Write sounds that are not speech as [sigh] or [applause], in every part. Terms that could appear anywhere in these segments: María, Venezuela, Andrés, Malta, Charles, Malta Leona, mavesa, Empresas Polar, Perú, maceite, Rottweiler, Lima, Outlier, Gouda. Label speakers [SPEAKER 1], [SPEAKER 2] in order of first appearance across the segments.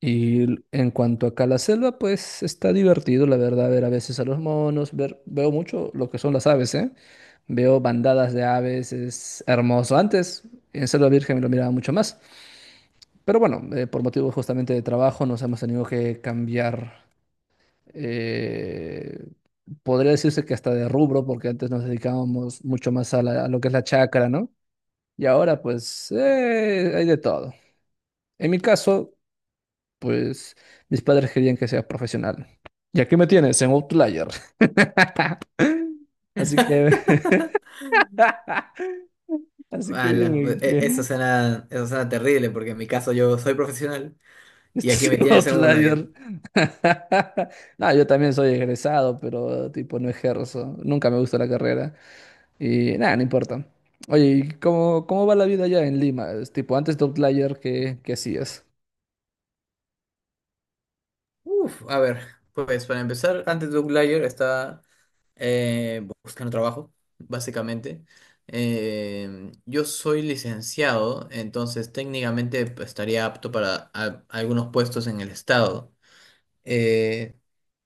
[SPEAKER 1] Y en cuanto acá a la selva, pues está divertido, la verdad, ver a veces a los monos, ver, veo mucho lo que son las aves, ¿eh? Veo bandadas de aves, es hermoso. Antes, en Selva Virgen lo miraba mucho más, pero bueno, por motivos justamente de trabajo nos hemos tenido que cambiar, eh, podría decirse que hasta de rubro, porque antes nos dedicábamos mucho más a lo que es la chacra, ¿no? Y ahora, pues, hay de todo. En mi caso, pues mis padres querían que sea profesional. Y aquí me tienes en Outlier. [laughs] Así que, [laughs] así que
[SPEAKER 2] Ala,
[SPEAKER 1] dime
[SPEAKER 2] e- eso
[SPEAKER 1] que [laughs]
[SPEAKER 2] suena, eso suena terrible porque en mi caso yo soy profesional y aquí
[SPEAKER 1] estás
[SPEAKER 2] me
[SPEAKER 1] en
[SPEAKER 2] tienes en un layer.
[SPEAKER 1] Outlier. [laughs] No, yo también soy egresado, pero tipo no ejerzo. Nunca me gustó la carrera. Y nada, no importa. Oye, ¿y cómo, cómo va la vida allá en Lima? Es tipo, antes de Outlier, ¿qué, qué hacías?
[SPEAKER 2] Uf, a ver, pues para empezar, antes de un layer está buscando trabajo, básicamente. Yo soy licenciado, entonces técnicamente pues, estaría apto para algunos puestos en el estado. Eh,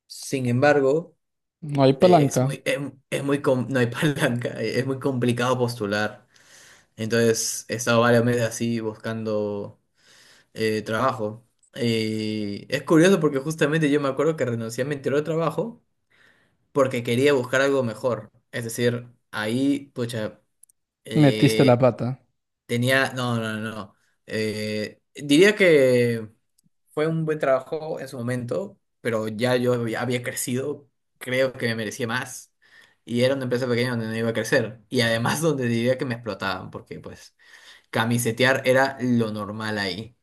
[SPEAKER 2] sin embargo,
[SPEAKER 1] No hay
[SPEAKER 2] eh, es
[SPEAKER 1] palanca.
[SPEAKER 2] muy, es, es muy, com- no hay [laughs] palanca, es muy complicado postular. Entonces he estado varios meses así buscando trabajo. Y es curioso porque justamente yo me acuerdo que renuncié a mi anterior trabajo porque quería buscar algo mejor. Es decir, ahí, pucha,
[SPEAKER 1] Metiste la
[SPEAKER 2] eh,
[SPEAKER 1] pata.
[SPEAKER 2] No, no, no, no. Diría que fue un buen trabajo en su momento, pero ya yo había crecido, creo que me merecía más. Y era una empresa pequeña donde no iba a crecer. Y además donde diría que me explotaban porque pues... Camisetear era lo normal ahí.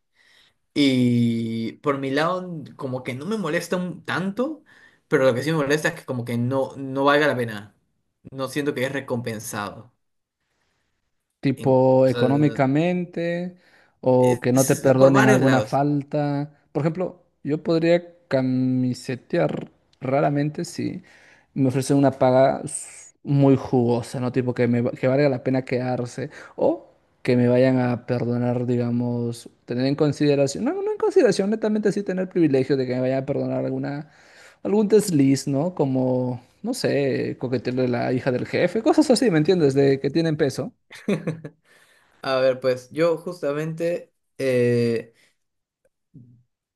[SPEAKER 2] Y por mi lado, como que no me molesta un tanto, pero lo que sí me molesta es que como que no, no valga la pena. No siento que es recompensado. En-
[SPEAKER 1] Tipo
[SPEAKER 2] o sea,
[SPEAKER 1] económicamente o
[SPEAKER 2] es,
[SPEAKER 1] que no te
[SPEAKER 2] es por
[SPEAKER 1] perdonen
[SPEAKER 2] varios
[SPEAKER 1] alguna
[SPEAKER 2] lados.
[SPEAKER 1] falta. Por ejemplo, yo podría camisetear raramente si me ofrecen una paga muy jugosa, ¿no? Tipo que que valga la pena quedarse o que me vayan a perdonar, digamos, tener en consideración, no, no en consideración, netamente sí tener privilegio de que me vayan a perdonar alguna algún desliz, ¿no? Como, no sé, coquetearle a la hija del jefe, cosas así, ¿me entiendes? De que tienen peso.
[SPEAKER 2] [laughs] A ver, pues yo justamente eh,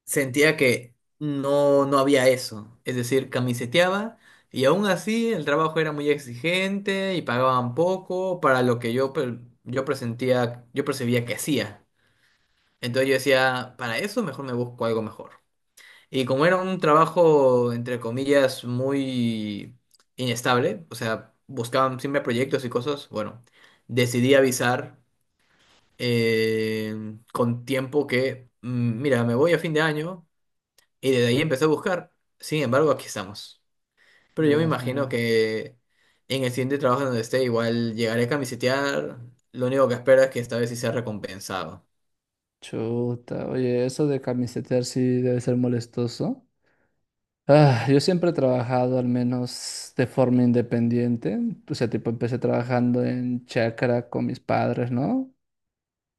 [SPEAKER 2] sentía que no, no había eso. Es decir, camiseteaba y aún así el trabajo era muy exigente y pagaban poco para lo que yo percibía que hacía. Entonces yo decía, para eso mejor me busco algo mejor. Y como era un trabajo, entre comillas, muy inestable, o sea, buscaban siempre proyectos y cosas, bueno, decidí avisar eh, con tiempo que, mira, me voy a fin de año. Y desde ahí empecé a buscar. Sin embargo, aquí estamos. Pero yo me
[SPEAKER 1] Dios
[SPEAKER 2] imagino
[SPEAKER 1] mío.
[SPEAKER 2] que en el siguiente trabajo donde esté, igual llegaré a camisetear. Lo único que espero es que esta vez sí sea recompensado.
[SPEAKER 1] Chuta. Oye, eso de camisetear sí debe ser molestoso. Ah, yo siempre he trabajado al menos de forma independiente. O sea, tipo, empecé trabajando en chacra con mis padres, ¿no?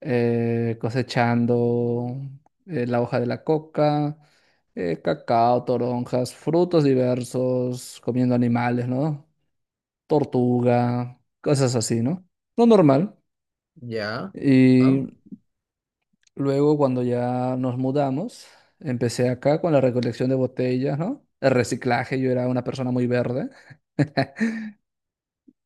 [SPEAKER 1] Cosechando la hoja de la coca, cacao, toronjas, frutos diversos, comiendo animales, ¿no? Tortuga, cosas así, ¿no? Lo normal.
[SPEAKER 2] Ya. Ah.
[SPEAKER 1] Y luego, cuando ya nos mudamos, empecé acá con la recolección de botellas, ¿no? El reciclaje, yo era una persona muy verde.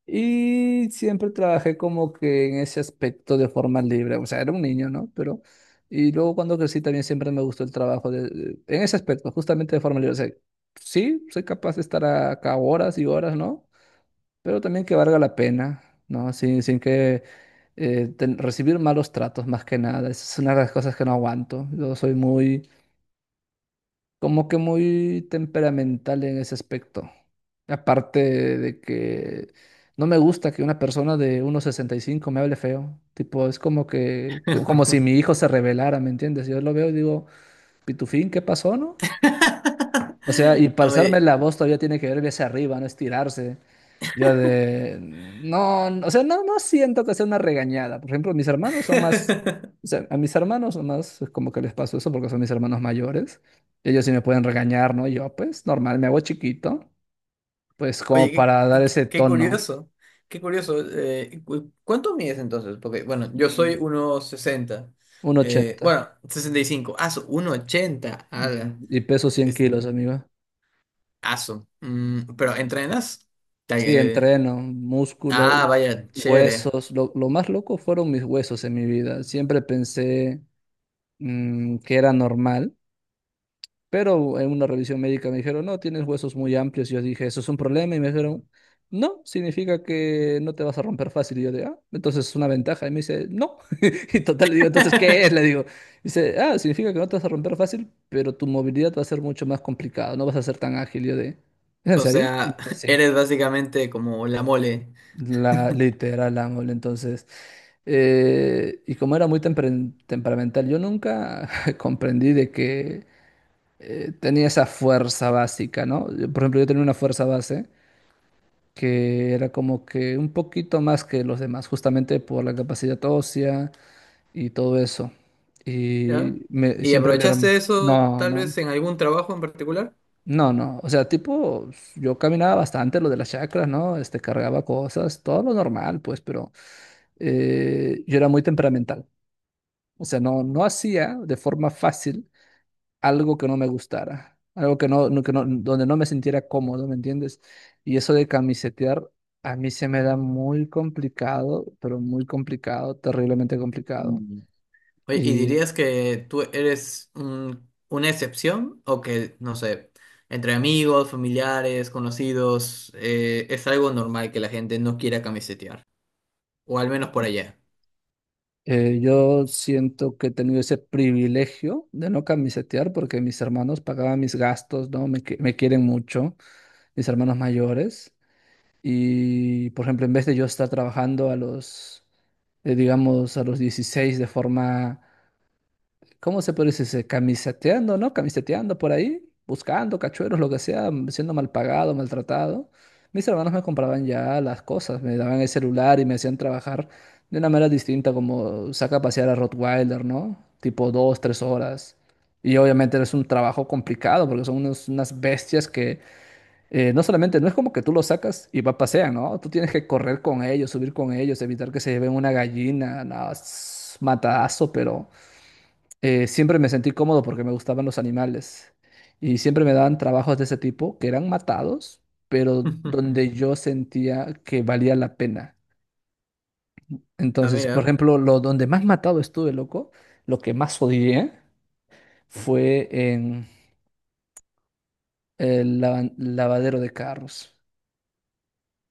[SPEAKER 1] Y siempre trabajé como que en ese aspecto de forma libre. O sea, era un niño, ¿no? Pero... Y luego cuando crecí también siempre me gustó el trabajo de... en ese aspecto, justamente de forma libre. O sea, sí, soy capaz de estar acá horas y horas, ¿no? Pero también que valga la pena, ¿no? Sin que recibir malos tratos más que nada. Esa es una de las cosas que no aguanto. Yo soy muy como que muy temperamental en ese aspecto. Aparte de que no me gusta que una persona de 1,65 me hable feo. Tipo, es como que, como si mi hijo se rebelara, ¿me entiendes? Yo lo veo y digo, Pitufín, ¿qué pasó, no? O sea, y
[SPEAKER 2] [laughs]
[SPEAKER 1] pasarme
[SPEAKER 2] Oye.
[SPEAKER 1] la voz todavía tiene que ver hacia arriba, no estirarse. Yo de... No, no, o sea, no, no siento que sea una regañada. Por ejemplo, mis hermanos son más...
[SPEAKER 2] [laughs]
[SPEAKER 1] O sea, a mis hermanos son más es como que les paso eso porque son mis hermanos mayores. Ellos sí me pueden regañar, ¿no? Yo, pues, normal, me hago chiquito. Pues como
[SPEAKER 2] Oye,
[SPEAKER 1] para dar ese
[SPEAKER 2] qué
[SPEAKER 1] tono.
[SPEAKER 2] curioso. Qué curioso. ¿Cuánto mides entonces? Porque, bueno, yo soy
[SPEAKER 1] Mm,
[SPEAKER 2] 1,60.
[SPEAKER 1] un ochenta
[SPEAKER 2] Bueno, 65. Ah, 1,80. Ala.
[SPEAKER 1] Y peso 100 kilos, amigo.
[SPEAKER 2] Aso. Pero ¿entrenas?
[SPEAKER 1] Sí,
[SPEAKER 2] Te-
[SPEAKER 1] entreno, músculo,
[SPEAKER 2] ah, vaya, chévere.
[SPEAKER 1] huesos. Lo más loco fueron mis huesos en mi vida. Siempre pensé... que era normal, pero en una revisión médica me dijeron, no, tienes huesos muy amplios. Y yo dije, ¿eso es un problema? Y me dijeron, no, significa que no te vas a romper fácil. Y yo de, ah, entonces es una ventaja. Y me dice, no. [laughs] Y total, le digo, entonces, ¿qué es? Le
[SPEAKER 2] [laughs]
[SPEAKER 1] digo, dice, ah, significa que no te vas a romper fácil, pero tu movilidad va a ser mucho más complicada, no vas a ser tan ágil. Y yo de, ¿es en
[SPEAKER 2] O
[SPEAKER 1] serio? Y me
[SPEAKER 2] sea,
[SPEAKER 1] dice,
[SPEAKER 2] [laughs]
[SPEAKER 1] sí.
[SPEAKER 2] eres básicamente como la mole.
[SPEAKER 1] La literal ángel, entonces. Y como era muy temperamental, yo nunca [laughs] comprendí de que tenía esa fuerza básica, ¿no? Yo, por ejemplo, yo tenía una fuerza base que era como que un poquito más que los demás, justamente por la capacidad ósea y todo eso.
[SPEAKER 2] ¿Ya?
[SPEAKER 1] Y me,
[SPEAKER 2] ¿Y
[SPEAKER 1] siempre mi hermano.
[SPEAKER 2] aprovechaste eso
[SPEAKER 1] No,
[SPEAKER 2] tal
[SPEAKER 1] no.
[SPEAKER 2] vez en algún trabajo en particular?
[SPEAKER 1] No, no. O sea, tipo, yo caminaba bastante lo de las chakras, ¿no? Este, cargaba cosas, todo lo normal, pues, pero yo era muy temperamental. O sea, no, no hacía de forma fácil algo que no me gustara, algo que que no, donde no me sintiera cómodo, ¿me entiendes? Y eso de camisetear a mí se me da muy complicado, pero muy complicado, terriblemente complicado.
[SPEAKER 2] Mm. Oye, ¿y
[SPEAKER 1] Y
[SPEAKER 2] dirías que tú eres una excepción o que, no sé, entre amigos, familiares, conocidos, es algo normal que la gente no quiera camisetear? O al menos por allá.
[SPEAKER 1] yo siento que he tenido ese privilegio de no camisetear porque mis hermanos pagaban mis gastos, ¿no? Me quieren mucho, mis hermanos mayores. Y, por ejemplo, en vez de yo estar trabajando a los, digamos, a los 16 de forma ¿cómo se puede decir? Camiseteando, ¿no? Camiseteando por ahí, buscando cachueros, lo que sea, siendo mal pagado, maltratado. Mis hermanos me compraban ya las cosas, me daban el celular y me hacían trabajar de una manera distinta, como saca a pasear a Rottweiler, ¿no? Tipo dos, tres horas. Y obviamente es un trabajo complicado porque son unas bestias que no solamente, no es como que tú los sacas y va pasean, ¿no? Tú tienes que correr con ellos, subir con ellos, evitar que se lleven una gallina, nada, es matadazo, pero siempre me sentí cómodo porque me gustaban los animales y siempre me daban trabajos de ese tipo que eran matados, pero
[SPEAKER 2] [laughs]
[SPEAKER 1] donde yo sentía que valía la pena.
[SPEAKER 2] Ah,
[SPEAKER 1] Entonces, por
[SPEAKER 2] mira,
[SPEAKER 1] ejemplo, lo donde más matado estuve, loco, lo que más odié fue en el lavadero de carros,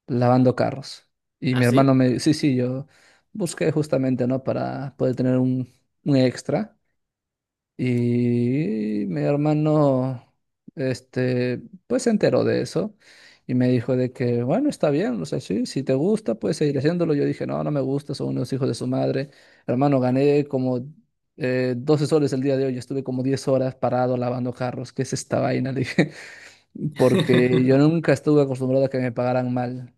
[SPEAKER 1] lavando carros. Y mi hermano
[SPEAKER 2] ¿así?
[SPEAKER 1] me, sí, sí, yo busqué justamente, ¿no? Para poder tener un extra. Y mi hermano, este, pues se enteró de eso y me dijo de que, bueno, está bien, o sea, sí, si te gusta, puedes seguir haciéndolo. Yo dije, no, no me gusta, son unos hijos de su madre. Hermano, gané como 12 soles el día de hoy, estuve como 10 horas parado lavando carros, ¿qué es esta vaina? Le dije, [laughs] porque yo
[SPEAKER 2] [laughs]
[SPEAKER 1] nunca estuve acostumbrado a que me pagaran mal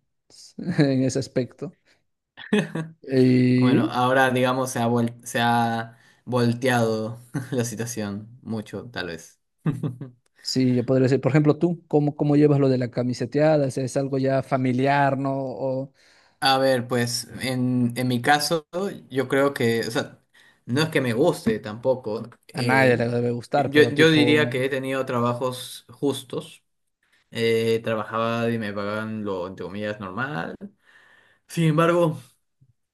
[SPEAKER 1] [laughs] en ese aspecto.
[SPEAKER 2] Bueno, ahora digamos se ha volteado [laughs] la situación mucho, tal vez. [laughs]
[SPEAKER 1] Sí, yo podría decir, por ejemplo, tú, ¿cómo, cómo llevas lo de la camiseteada? O sea, ¿es algo ya familiar, no? O
[SPEAKER 2] A ver, pues en mi caso, yo creo que, o sea, no es que me guste tampoco.
[SPEAKER 1] a nadie
[SPEAKER 2] eh,
[SPEAKER 1] le debe gustar,
[SPEAKER 2] yo,
[SPEAKER 1] pero
[SPEAKER 2] yo
[SPEAKER 1] tipo...
[SPEAKER 2] diría que he tenido trabajos justos. Trabajaba y me pagaban lo, entre comillas, normal. Sin embargo,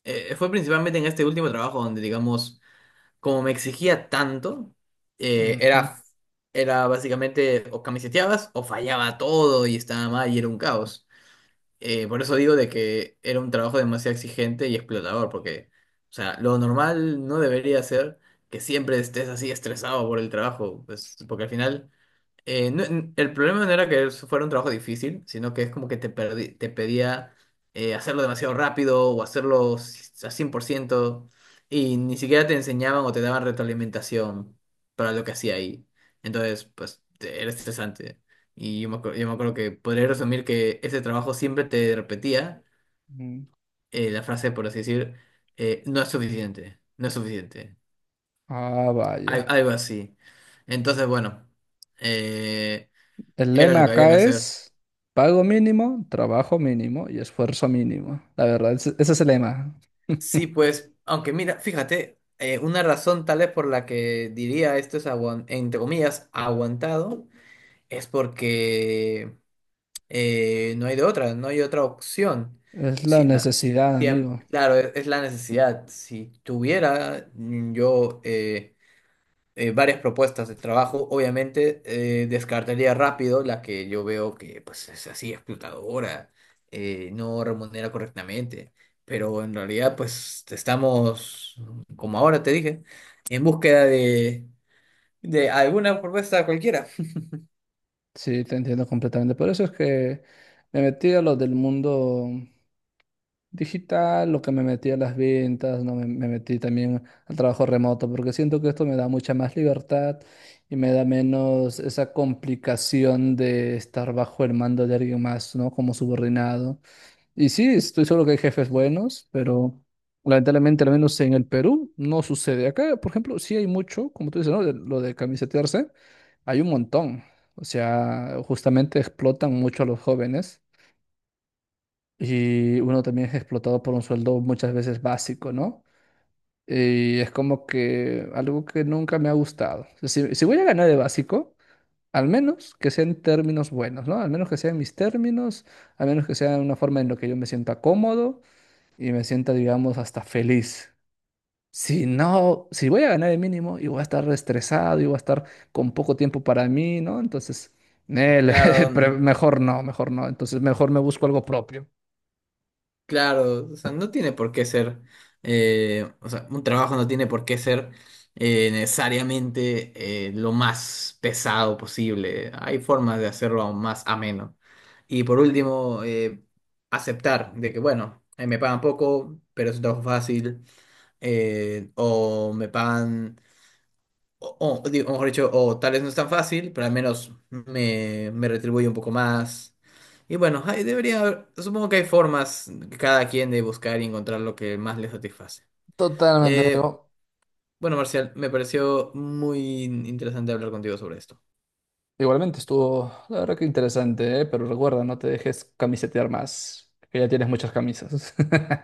[SPEAKER 2] fue principalmente en este último trabajo donde, digamos, como me exigía tanto, eh,
[SPEAKER 1] ujú,
[SPEAKER 2] era, era básicamente o camiseteabas o fallaba todo y estaba mal y era un caos. Por eso digo de que era un trabajo demasiado exigente y explotador, porque, o sea, lo normal no debería ser que siempre estés así estresado por el trabajo, pues, porque al final el problema no era que eso fuera un trabajo difícil, sino que es como que te pedía hacerlo demasiado rápido o hacerlo a 100% y ni siquiera te enseñaban o te daban retroalimentación para lo que hacía ahí. Entonces, pues era estresante. Y yo me acuerdo que podría resumir que ese trabajo siempre te repetía
[SPEAKER 1] ujú.
[SPEAKER 2] la frase, por así decir, no es suficiente, no es suficiente,
[SPEAKER 1] Ah, vaya.
[SPEAKER 2] algo así. Entonces, bueno, eh,
[SPEAKER 1] El
[SPEAKER 2] era
[SPEAKER 1] lema
[SPEAKER 2] lo que había que
[SPEAKER 1] acá
[SPEAKER 2] hacer.
[SPEAKER 1] es pago mínimo, trabajo mínimo y esfuerzo mínimo. La verdad, ese es el lema.
[SPEAKER 2] Sí,
[SPEAKER 1] [laughs]
[SPEAKER 2] pues, aunque mira, fíjate, una razón tal vez por la que diría esto es, entre comillas, aguantado, es porque no hay de otra, no hay otra opción.
[SPEAKER 1] Es la
[SPEAKER 2] Si la-
[SPEAKER 1] necesidad,
[SPEAKER 2] si am-
[SPEAKER 1] amigo.
[SPEAKER 2] Claro, la necesidad. Si tuviera yo varias propuestas de trabajo. Obviamente, descartaría rápido la que yo veo que pues, es así explotadora, no remunera correctamente. Pero en realidad, pues estamos, como ahora te dije, en búsqueda de alguna propuesta cualquiera.
[SPEAKER 1] Sí, te entiendo completamente. Por eso es que me metí a lo del mundo digital, lo que me metí a las ventas, ¿no? Me metí también al trabajo remoto, porque siento que esto me da mucha más libertad y me da menos esa complicación de estar bajo el mando de alguien más, ¿no? Como subordinado. Y sí, estoy seguro que hay jefes buenos, pero lamentablemente, al menos en el Perú, no sucede. Acá, por ejemplo, sí hay mucho, como tú dices, ¿no? De- lo de camisetearse, hay un montón. O sea, justamente explotan mucho a los jóvenes y uno también es explotado por un sueldo muchas veces básico, ¿no? Y es como que algo que nunca me ha gustado. O sea, si, si voy a ganar de básico, al menos que sean términos buenos, ¿no? Al menos que sean mis términos, al menos que sea una forma en la que yo me sienta cómodo y me sienta, digamos, hasta feliz. Si no, si voy a ganar el mínimo y voy a estar estresado y voy a estar con poco tiempo para mí, ¿no? Entonces,
[SPEAKER 2] [laughs]
[SPEAKER 1] nel, [laughs]
[SPEAKER 2] Claro,
[SPEAKER 1] mejor no, mejor no. Entonces, mejor me busco algo propio.
[SPEAKER 2] claro, o sea, no tiene por qué ser, o sea, un trabajo no tiene por qué ser necesariamente lo más pesado posible. Hay formas de hacerlo aún más ameno. Y por último, aceptar de que, bueno, me pagan poco, pero es un trabajo fácil, o me pagan digo, mejor dicho, o tal vez no es tan fácil, pero al menos me retribuye un poco más. Y bueno, hay debería haber, supongo que hay formas que cada quien de buscar y encontrar lo que más le satisface.
[SPEAKER 1] Totalmente,
[SPEAKER 2] Eh,
[SPEAKER 1] amigo.
[SPEAKER 2] bueno, Marcial, me pareció muy interesante hablar contigo sobre esto.
[SPEAKER 1] Igualmente estuvo, la verdad que interesante, ¿eh? Pero recuerda, no te dejes camisetear más, que ya tienes muchas camisas. [laughs]